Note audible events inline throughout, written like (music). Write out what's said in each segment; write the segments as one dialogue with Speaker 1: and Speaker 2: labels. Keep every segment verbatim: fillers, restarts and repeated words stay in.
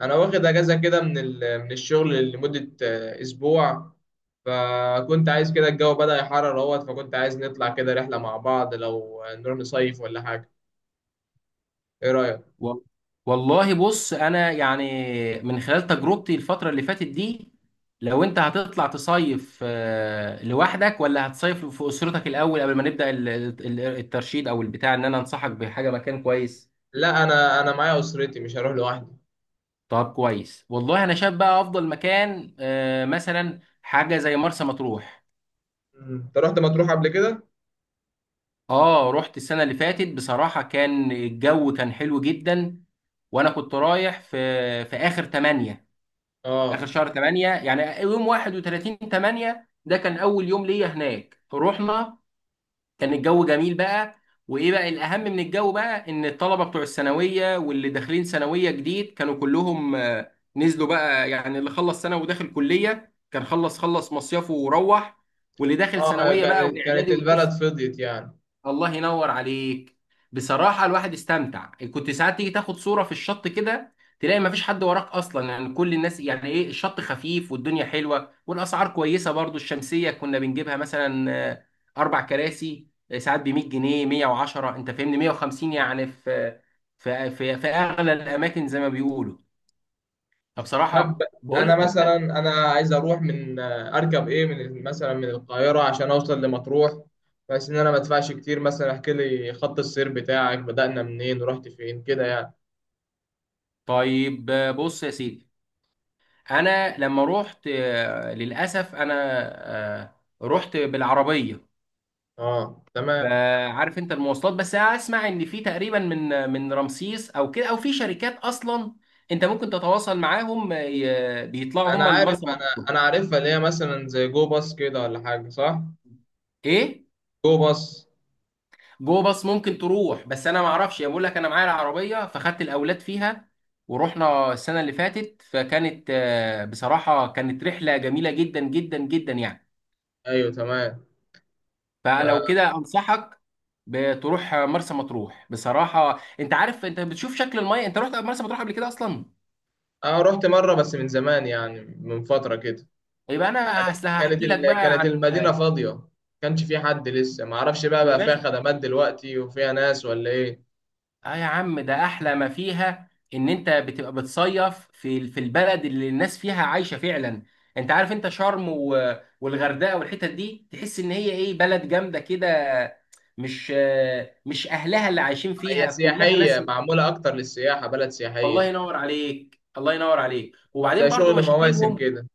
Speaker 1: انا واخد اجازه كده من ال- من الشغل لمده آه، اسبوع. فكنت عايز كده الجو بدأ يحرر اهوت، فكنت عايز نطلع كده رحله مع بعض، لو نروح نصيف ولا حاجه. ايه رايك؟
Speaker 2: وال- والله بص انا يعني، من خلال تجربتي الفتره اللي فاتت دي، لو انت هتطلع تصيف آه، لوحدك ولا هتصيف في اسرتك الاول قبل ما نبدا ال- ال- الترشيد او البتاع، ان انا انصحك بحاجه مكان كويس.
Speaker 1: لا انا انا معايا اسرتي، مش هروح لوحدي.
Speaker 2: طب كويس، والله انا شايف بقى افضل مكان آه، مثلا حاجه زي مرسى مطروح.
Speaker 1: مم. انت رحت مطروح قبل كده؟
Speaker 2: اه، رحت السنه اللي فاتت، بصراحه كان الجو كان حلو جدا. وانا كنت رايح في في اخر تمانية، اخر
Speaker 1: اه.
Speaker 2: شهر تمانية، يعني يوم واحد وتلاتين تمانية ده كان اول يوم ليا هناك رحنا. كان الجو جميل بقى. وايه بقى الاهم من الجو بقى، ان الطلبه بتوع الثانويه واللي داخلين ثانويه جديد كانوا كلهم آه، نزلوا بقى. يعني اللي خلص ثانوي وداخل كليه كان خلص خلص مصيفه وروح، واللي داخل
Speaker 1: اه
Speaker 2: ثانويه بقى
Speaker 1: كانت كانت
Speaker 2: واعدادي
Speaker 1: البلد
Speaker 2: والقصه.
Speaker 1: فضيت يعني.
Speaker 2: الله ينور عليك. بصراحة الواحد استمتع، كنت ساعات تيجي تاخد صورة في الشط كده، تلاقي مفيش حد وراك أصلا، يعني كل الناس، يعني إيه، الشط خفيف والدنيا حلوة والأسعار كويسة برضو. الشمسية كنا بنجيبها مثلا آه، أربع كراسي آه، ساعات ب ميه جنيه، ميه وعشرة، أنت فاهمني، ميه وخمسين، يعني في في في, في أغلى الأماكن زي ما بيقولوا.
Speaker 1: طب
Speaker 2: فبصراحة بقول
Speaker 1: انا
Speaker 2: ده
Speaker 1: مثلا
Speaker 2: ده.
Speaker 1: انا عايز اروح من اركب ايه من مثلا من القاهره عشان اوصل لمطروح، بحيث ان انا ما ادفعش كتير. مثلا احكي لي خط السير بتاعك، بدأنا منين ورحت فين كده يعني.
Speaker 2: طيب آه، بص يا سيدي، أنا لما روحت آه، للأسف أنا آه، رحت بالعربية.
Speaker 1: اه تمام.
Speaker 2: فعارف انت المواصلات، بس اسمع ان في تقريبا من من رمسيس او كده، او في شركات اصلا انت ممكن تتواصل معاهم، ي- بيطلعوا
Speaker 1: انا
Speaker 2: هم لمرسى
Speaker 1: عارف انا
Speaker 2: مطروح.
Speaker 1: انا عارفها، اللي هي مثلا زي جو باص كده ولا حاجه، صح؟
Speaker 2: ايه
Speaker 1: جو باص.
Speaker 2: جو باص ممكن تروح، بس انا ما اعرفش، بقول لك انا معايا العربيه فخدت الاولاد فيها ورحنا السنه اللي فاتت، فكانت آه، بصراحه كانت رحله جميله جدا جدا جدا يعني.
Speaker 1: ايوه تمام.
Speaker 2: فلو
Speaker 1: ف...
Speaker 2: كده انصحك بتروح مرسى مطروح. بصراحه انت عارف، انت بتشوف شكل الميه. انت رحت مرسى مطروح قبل كده اصلا؟
Speaker 1: اه رحت مره بس من زمان يعني، من فتره كده.
Speaker 2: يبقى انا، اصل
Speaker 1: كانت كانت
Speaker 2: هحكي لك
Speaker 1: ال-
Speaker 2: بقى
Speaker 1: كانت
Speaker 2: عن...
Speaker 1: المدينه فاضيه. كانش في حد لسه، ما اعرفش بقى
Speaker 2: يا
Speaker 1: بقى فيها
Speaker 2: باشا،
Speaker 1: خدمات دلوقتي وفيها ناس ولا ايه؟
Speaker 2: اه يا عم، ده احلى ما فيها ان انت بتبقى بتصيف في في البلد اللي الناس فيها عايشه فعلا. انت عارف، انت شرم و... والغردقه والحتت دي، تحس ان هي ايه، بلد جامده كده، مش آه، مش اهلها اللي عايشين
Speaker 1: هي
Speaker 2: فيها، كلها
Speaker 1: سياحية،
Speaker 2: ناس.
Speaker 1: معمولة أكتر للسياحة، بلد
Speaker 2: الله
Speaker 1: سياحية.
Speaker 2: ينور عليك، الله ينور عليك.
Speaker 1: زي
Speaker 2: وبعدين برضو
Speaker 1: شغل مواسم
Speaker 2: مشاكلهم،
Speaker 1: كده.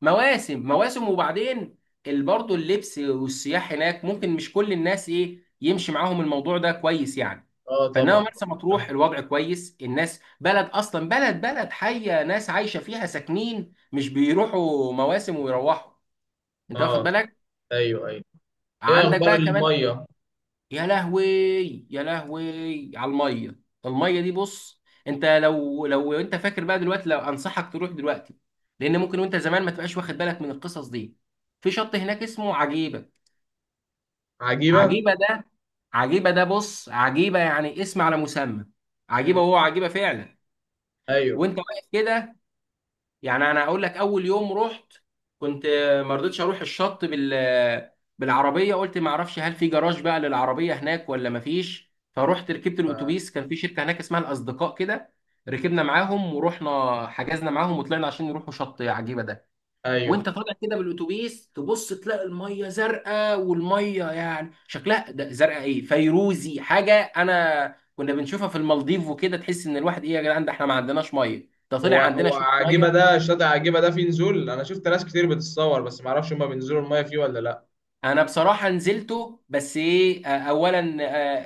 Speaker 2: مواسم مواسم. وبعدين ال- برضه اللبس والسياح هناك، ممكن مش كل الناس ايه يمشي معاهم الموضوع ده كويس يعني.
Speaker 1: اه
Speaker 2: فانما
Speaker 1: طبعا.
Speaker 2: مرسى
Speaker 1: طبعاً.
Speaker 2: مطروح الوضع كويس، الناس بلد اصلا، بلد بلد حيه، ناس عايشه فيها ساكنين، مش بيروحوا مواسم ويروحوا. انت واخد
Speaker 1: اه.
Speaker 2: بالك؟
Speaker 1: ايوه ايوه. ايه
Speaker 2: عندك
Speaker 1: اخبار
Speaker 2: بقى كمان.
Speaker 1: المية؟
Speaker 2: يا لهوي، يا لهوي على الميه. الميه دي، بص انت، لو لو انت فاكر بقى دلوقتي، لو انصحك تروح دلوقتي، لان ممكن وانت زمان ما تبقاش واخد بالك من القصص دي. في شط هناك اسمه عجيبه.
Speaker 1: عجيبة.
Speaker 2: عجيبه ده، عجيبه ده، بص، عجيبه يعني اسم على مسمى، عجيبه،
Speaker 1: مم.
Speaker 2: وهو عجيبه فعلا.
Speaker 1: ايوه.
Speaker 2: وانت واقف كده، يعني انا هقول لك، اول يوم رحت كنت ما رضيتش اروح الشط بال بالعربيه، قلت ما اعرفش هل في جراج بقى للعربيه هناك ولا ما فيش، فرحت ركبت
Speaker 1: ف-
Speaker 2: الاتوبيس. كان في شركه هناك اسمها الاصدقاء كده، ركبنا معاهم ورحنا، حجزنا معاهم وطلعنا عشان يروحوا شط عجيبه ده.
Speaker 1: ايوه.
Speaker 2: وانت طالع كده بالاتوبيس، تبص تلاقي الميه زرقاء، والميه يعني شكلها ده زرقاء، ايه، فيروزي، حاجه انا كنا بنشوفها في المالديف وكده. تحس ان الواحد ايه، يا جدعان ده احنا ما عندناش ميه، ده طلع
Speaker 1: هو
Speaker 2: عندنا
Speaker 1: هو
Speaker 2: شويه
Speaker 1: عجيبة
Speaker 2: ميه.
Speaker 1: ده الشاطئ، عجيبة ده فيه نزول. انا شفت ناس كتير بتتصور، بس ما اعرفش هما بينزلوا المية فيه ولا لا؟
Speaker 2: انا بصراحه نزلته، بس ايه آه، اولا،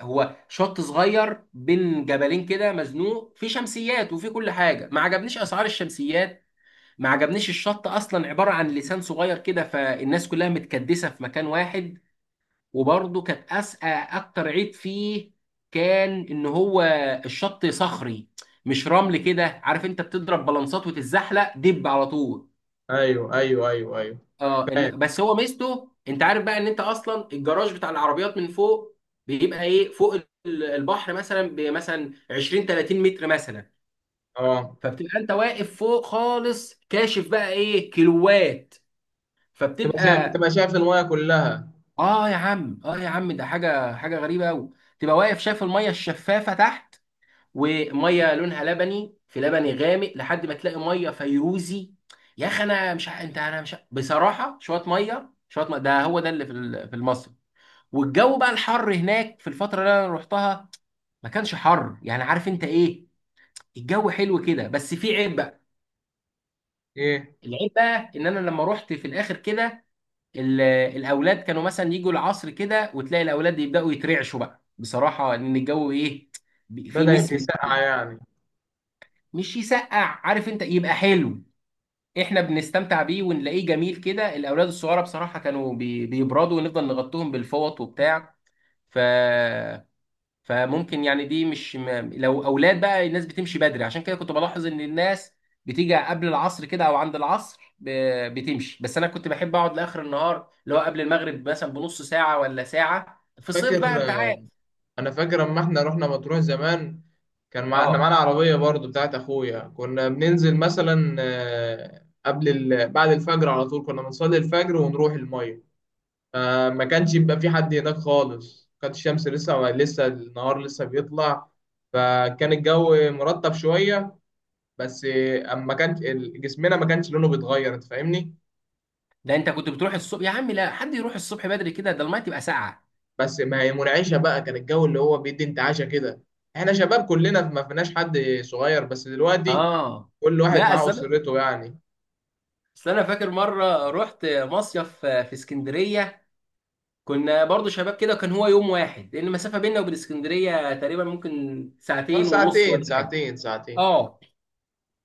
Speaker 2: آه، هو شط صغير بين جبلين كده، مزنوق في شمسيات وفي كل حاجه، ما عجبنيش اسعار الشمسيات، ما عجبنيش الشط. اصلا عباره عن لسان صغير كده، فالناس كلها متكدسه في مكان واحد. وبرضه كانت أس... آه، اكتر عيب فيه كان، ان هو الشط صخري، مش رمل كده، عارف انت، بتضرب بلانسات وتتزحلق دب على طول.
Speaker 1: ايوه ايوه ايوه ايوه.
Speaker 2: اه
Speaker 1: فاهم.
Speaker 2: إن، بس هو ميزته، انت عارف بقى، ان انت اصلا الجراج بتاع العربيات من فوق، بيبقى ايه فوق، ال- البحر مثلا بمثلا عشرين تلاتين متر مثلا،
Speaker 1: اه،
Speaker 2: فبتبقى انت واقف فوق خالص، كاشف بقى ايه، كيلوات.
Speaker 1: تبقى شايف
Speaker 2: فبتبقى،
Speaker 1: تبقى شايف المية كلها.
Speaker 2: اه يا عم، اه يا عم، ده حاجه حاجه غريبه قوي، تبقى واقف شايف الميه الشفافه تحت، وميه لونها لبني، في لبني غامق، لحد ما تلاقي ميه فيروزي. يا اخي انا مش ع- انت انا مش ع- بصراحه، شويه ميه، شويه ميه ده هو ده اللي في ال- في مصر. والجو بقى الحر هناك في الفترة اللي انا رحتها، ما كانش حر يعني، عارف انت ايه، الجو حلو كده. بس في عيب بقى.
Speaker 1: ايه؟
Speaker 2: العيب بقى ان انا لما رحت في الاخر كده، ال- الاولاد كانوا مثلا يجوا العصر كده، وتلاقي الاولاد يبداوا يترعشوا بقى، بصراحة ان الجو ايه، بي- في
Speaker 1: بدأ يبقى
Speaker 2: نسمة.
Speaker 1: ساقعة يعني.
Speaker 2: مش يسقع، عارف انت، يبقى حلو، احنا بنستمتع بيه ونلاقيه جميل كده. الاولاد الصغيرة بصراحة كانوا بي- بيبردوا، ونفضل نغطيهم بالفوط وبتاع. ف فممكن يعني، دي مش ما لو اولاد بقى الناس بتمشي بدري، عشان كده كنت بلاحظ ان الناس بتيجي قبل العصر كده او عند العصر ب- بتمشي. بس انا كنت بحب اقعد لاخر النهار اللي هو قبل المغرب مثلا بنص ساعه ولا ساعه، في الصيف بقى
Speaker 1: فاكر،
Speaker 2: انت عارف.
Speaker 1: انا فاكر اما احنا رحنا مطروح زمان، كان مع... احنا
Speaker 2: اه،
Speaker 1: معانا عربية برضو بتاعت أخويا. كنا بننزل مثلا آه، قبل ال... بعد الفجر على طول، كنا بنصلي الفجر ونروح المية. فما كانش يبقى في حد هناك خالص، كانت الشمس لسه، لسه النهار لسه بيطلع. فكان الجو مرطب شوية، بس آه، أما كانش ال- جسمنا ما كانش لونه بيتغير، أنت فاهمني.
Speaker 2: ده انت كنت بتروح الصبح يا عم، لا حد يروح الصبح بدري كده، ده الميه تبقى ساقعه.
Speaker 1: بس ما هي منعشة بقى، كان الجو اللي هو بيدي انتعاشة كده. احنا شباب كلنا، ما فيناش حد صغير. بس دلوقتي
Speaker 2: اه،
Speaker 1: كل واحد
Speaker 2: لا،
Speaker 1: معاه
Speaker 2: اصل انا
Speaker 1: أسرته يعني.
Speaker 2: اصل انا فاكر مره رحت مصيف في اسكندريه، كنا برضو شباب كده، كان هو يوم واحد، لان المسافه بيننا وبين اسكندريه تقريبا ممكن
Speaker 1: اه
Speaker 2: ساعتين ونص
Speaker 1: ساعتين
Speaker 2: ولا حاجه.
Speaker 1: ساعتين ساعتين.
Speaker 2: اه،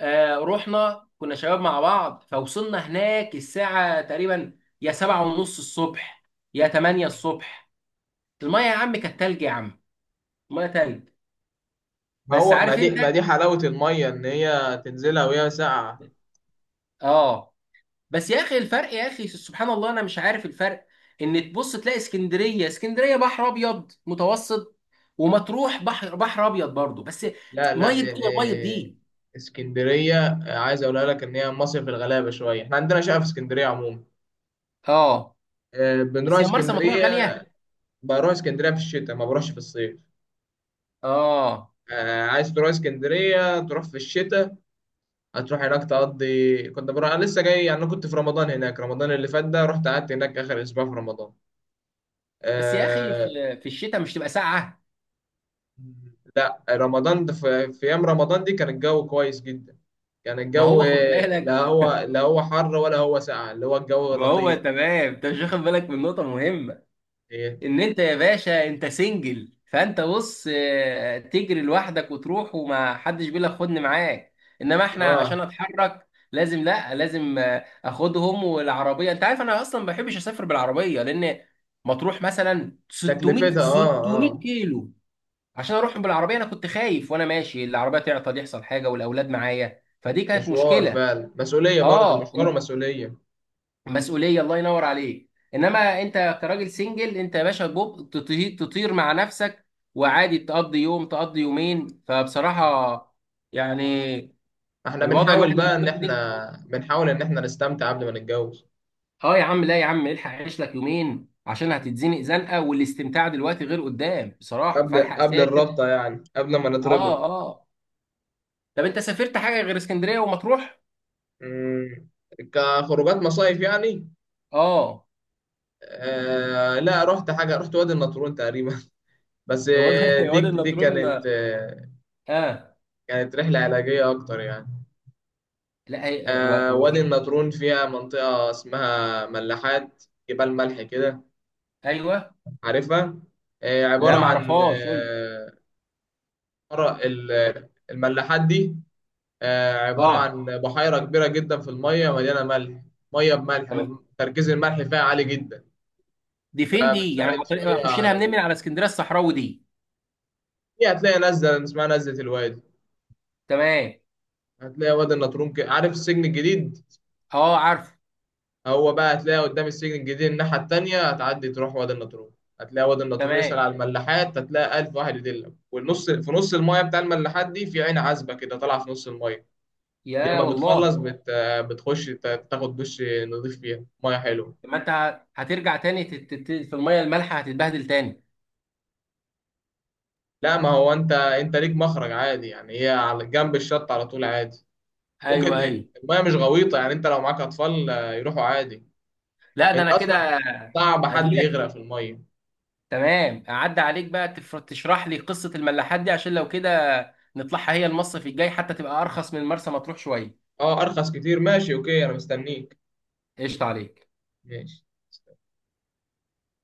Speaker 2: آه، رحنا كنا شباب مع بعض، فوصلنا هناك الساعه تقريبا يا سبعة ونص الصبح، يا تمانية الصبح. الميه يا عم كانت تلج يا عم، الميه تلج.
Speaker 1: ما
Speaker 2: بس
Speaker 1: هو ما
Speaker 2: عارف
Speaker 1: دي
Speaker 2: انت،
Speaker 1: ما دي حلاوة المية، ان هي تنزلها وهي ساقعة.
Speaker 2: اه، بس يا اخي الفرق يا اخي، سبحان الله انا مش عارف الفرق، ان تبص تلاقي اسكندريه، اسكندريه بحر ابيض متوسط، ومطروح بحر بحر ابيض برضه بس،
Speaker 1: لا لا،
Speaker 2: ميه دي
Speaker 1: إيه
Speaker 2: غير ميه
Speaker 1: إيه.
Speaker 2: دي.
Speaker 1: اسكندرية آه، عايز اقولها لك ان هي مصيف الغلابة شوية. احنا عندنا شقة في اسكندرية عموما.
Speaker 2: اه،
Speaker 1: آه، بنروح
Speaker 2: بس يا مرسى مطروح غاليه.
Speaker 1: اسكندرية. بروح اسكندرية في الشتاء، ما بروحش في الصيف.
Speaker 2: اه،
Speaker 1: آه، عايز تروح اسكندرية تروح في الشتاء. هتروح هناك تقضي. كنت بروح انا لسه جاي يعني، انا كنت في رمضان هناك، رمضان اللي فات ده، رحت قعدت هناك اخر اسبوع في رمضان.
Speaker 2: بس يا اخي
Speaker 1: آه،
Speaker 2: في في الشتاء مش تبقى ساقعه؟
Speaker 1: لا رمضان ده في, في ايام رمضان دي كان الجو كويس جدا. كان
Speaker 2: ما
Speaker 1: الجو،
Speaker 2: هو خد بالك،
Speaker 1: لا هو، لا هو حر ولا هو ساقع، اللي هو الجو
Speaker 2: ما هو
Speaker 1: لطيف.
Speaker 2: تمام. انت مش واخد بالك من نقطه مهمه،
Speaker 1: إيه.
Speaker 2: ان انت يا باشا انت سنجل، فانت بص آه، تجري لوحدك وتروح وما حدش بيقول لك خدني معاك. انما احنا عشان
Speaker 1: اه.
Speaker 2: اتحرك لازم، لا لازم آه، اخدهم والعربيه، انت عارف، انا اصلا ما بحبش اسافر بالعربيه، لان مطروح مثلا ستميه
Speaker 1: تكلفتها اه
Speaker 2: ستميه
Speaker 1: اه.
Speaker 2: كيلو. عشان اروح بالعربيه انا كنت خايف وانا ماشي العربيه تعطل يحصل حاجه والاولاد معايا، فدي كانت
Speaker 1: مشوار
Speaker 2: مشكله.
Speaker 1: فعلا مسؤولية، برضه
Speaker 2: اه،
Speaker 1: مشوار ومسؤولية.
Speaker 2: مسؤوليه، الله ينور عليك. انما انت كراجل سنجل، انت يا باشا جوب تطي- تطير مع نفسك، وعادي تقضي يوم تقضي يومين. فبصراحه يعني،
Speaker 1: احنا
Speaker 2: الوضع الواحد
Speaker 1: بنحاول
Speaker 2: لما
Speaker 1: بقى ان
Speaker 2: يكون سنجل،
Speaker 1: احنا بنحاول ان احنا نستمتع قبل ما نتجوز.
Speaker 2: اه يا عم، لا يا عم، الحق عيش لك يومين عشان هتتزنق زنقه، والاستمتاع دلوقتي غير قدام بصراحه،
Speaker 1: قبل
Speaker 2: فالحق
Speaker 1: قبل
Speaker 2: سافر.
Speaker 1: الرابطة يعني، قبل ما
Speaker 2: اه
Speaker 1: نتربط.
Speaker 2: اه، طب انت سافرت حاجه غير اسكندريه ومطروح؟
Speaker 1: مم. كخروجات مصايف يعني.
Speaker 2: اه،
Speaker 1: آه لا، رحت حاجة، رحت وادي النطرون تقريبا. بس
Speaker 2: هو ده
Speaker 1: آه،
Speaker 2: (laughs) هو
Speaker 1: دي
Speaker 2: ده
Speaker 1: دي
Speaker 2: النطرون.
Speaker 1: كانت آه،
Speaker 2: اه،
Speaker 1: كانت رحلة علاجية أكتر يعني.
Speaker 2: لا، هي- آه،
Speaker 1: آه،
Speaker 2: و-
Speaker 1: وادي
Speaker 2: وفي...
Speaker 1: النطرون فيها منطقة اسمها ملاحات، جبال ملح كده.
Speaker 2: ايوه،
Speaker 1: عارفها؟ آه، عبارة
Speaker 2: لا
Speaker 1: عن
Speaker 2: معرفهاش، قول.
Speaker 1: آه، عبارة- ال- الملاحات دي آه، عبارة
Speaker 2: اه،
Speaker 1: عن بحيرة كبيرة جدا في المية، مليانة ملح. مية بملح
Speaker 2: تمام.
Speaker 1: وتركيز الملح فيها عالي جدا.
Speaker 2: دي فين دي، يعني عن
Speaker 1: فبتساعد
Speaker 2: طريق-
Speaker 1: شوية
Speaker 2: اخش لها
Speaker 1: على
Speaker 2: منين،
Speaker 1: ال-
Speaker 2: من على اسكندريه الصحراوي دي؟
Speaker 1: دي هتلاقي نزلة اسمها نزلة الوادي.
Speaker 2: تمام.
Speaker 1: هتلاقي وادي النطرون كده، عارف السجن الجديد؟
Speaker 2: اه عارف.
Speaker 1: هو بقى هتلاقي قدام السجن الجديد الناحية التانية، هتعدي تروح وادي النطرون. هتلاقي وادي النطرون،
Speaker 2: تمام،
Speaker 1: يسأل على الملاحات، هتلاقي ألف واحد يدلك. والنص، في نص المايه بتاع الملاحات دي، في عين عذبة كده طالعة في نص المايه. دي
Speaker 2: يا
Speaker 1: أما
Speaker 2: والله.
Speaker 1: بتخلص بت... بتخش ت- تاخد دش نضيف فيها مية حلوة.
Speaker 2: طب ما انت ه- هترجع تاني تت- تت- في الميه المالحه هتتبهدل تاني؟
Speaker 1: لا ما هو أنت أنت ليك مخرج عادي يعني، هي على جنب الشط على طول، عادي.
Speaker 2: ايوه
Speaker 1: ممكن،
Speaker 2: ايوه.
Speaker 1: المايه مش غويطة يعني، أنت لو معاك أطفال آه، يروحوا عادي.
Speaker 2: لا ده
Speaker 1: أنت
Speaker 2: انا
Speaker 1: أصلا،
Speaker 2: كده
Speaker 1: صعب حد
Speaker 2: هجي
Speaker 1: يغرق
Speaker 2: لك.
Speaker 1: في المايه.
Speaker 2: تمام، اعدي عليك بقى تف- تشرح لي قصه الملاحات دي، عشان لو كده نطلعها هي المصيف الجاي حتى، تبقى ارخص من مرسى مطروح شويه.
Speaker 1: أه أرخص كتير، ماشي أوكي، أنا مستنيك.
Speaker 2: قشطه عليك.
Speaker 1: ماشي.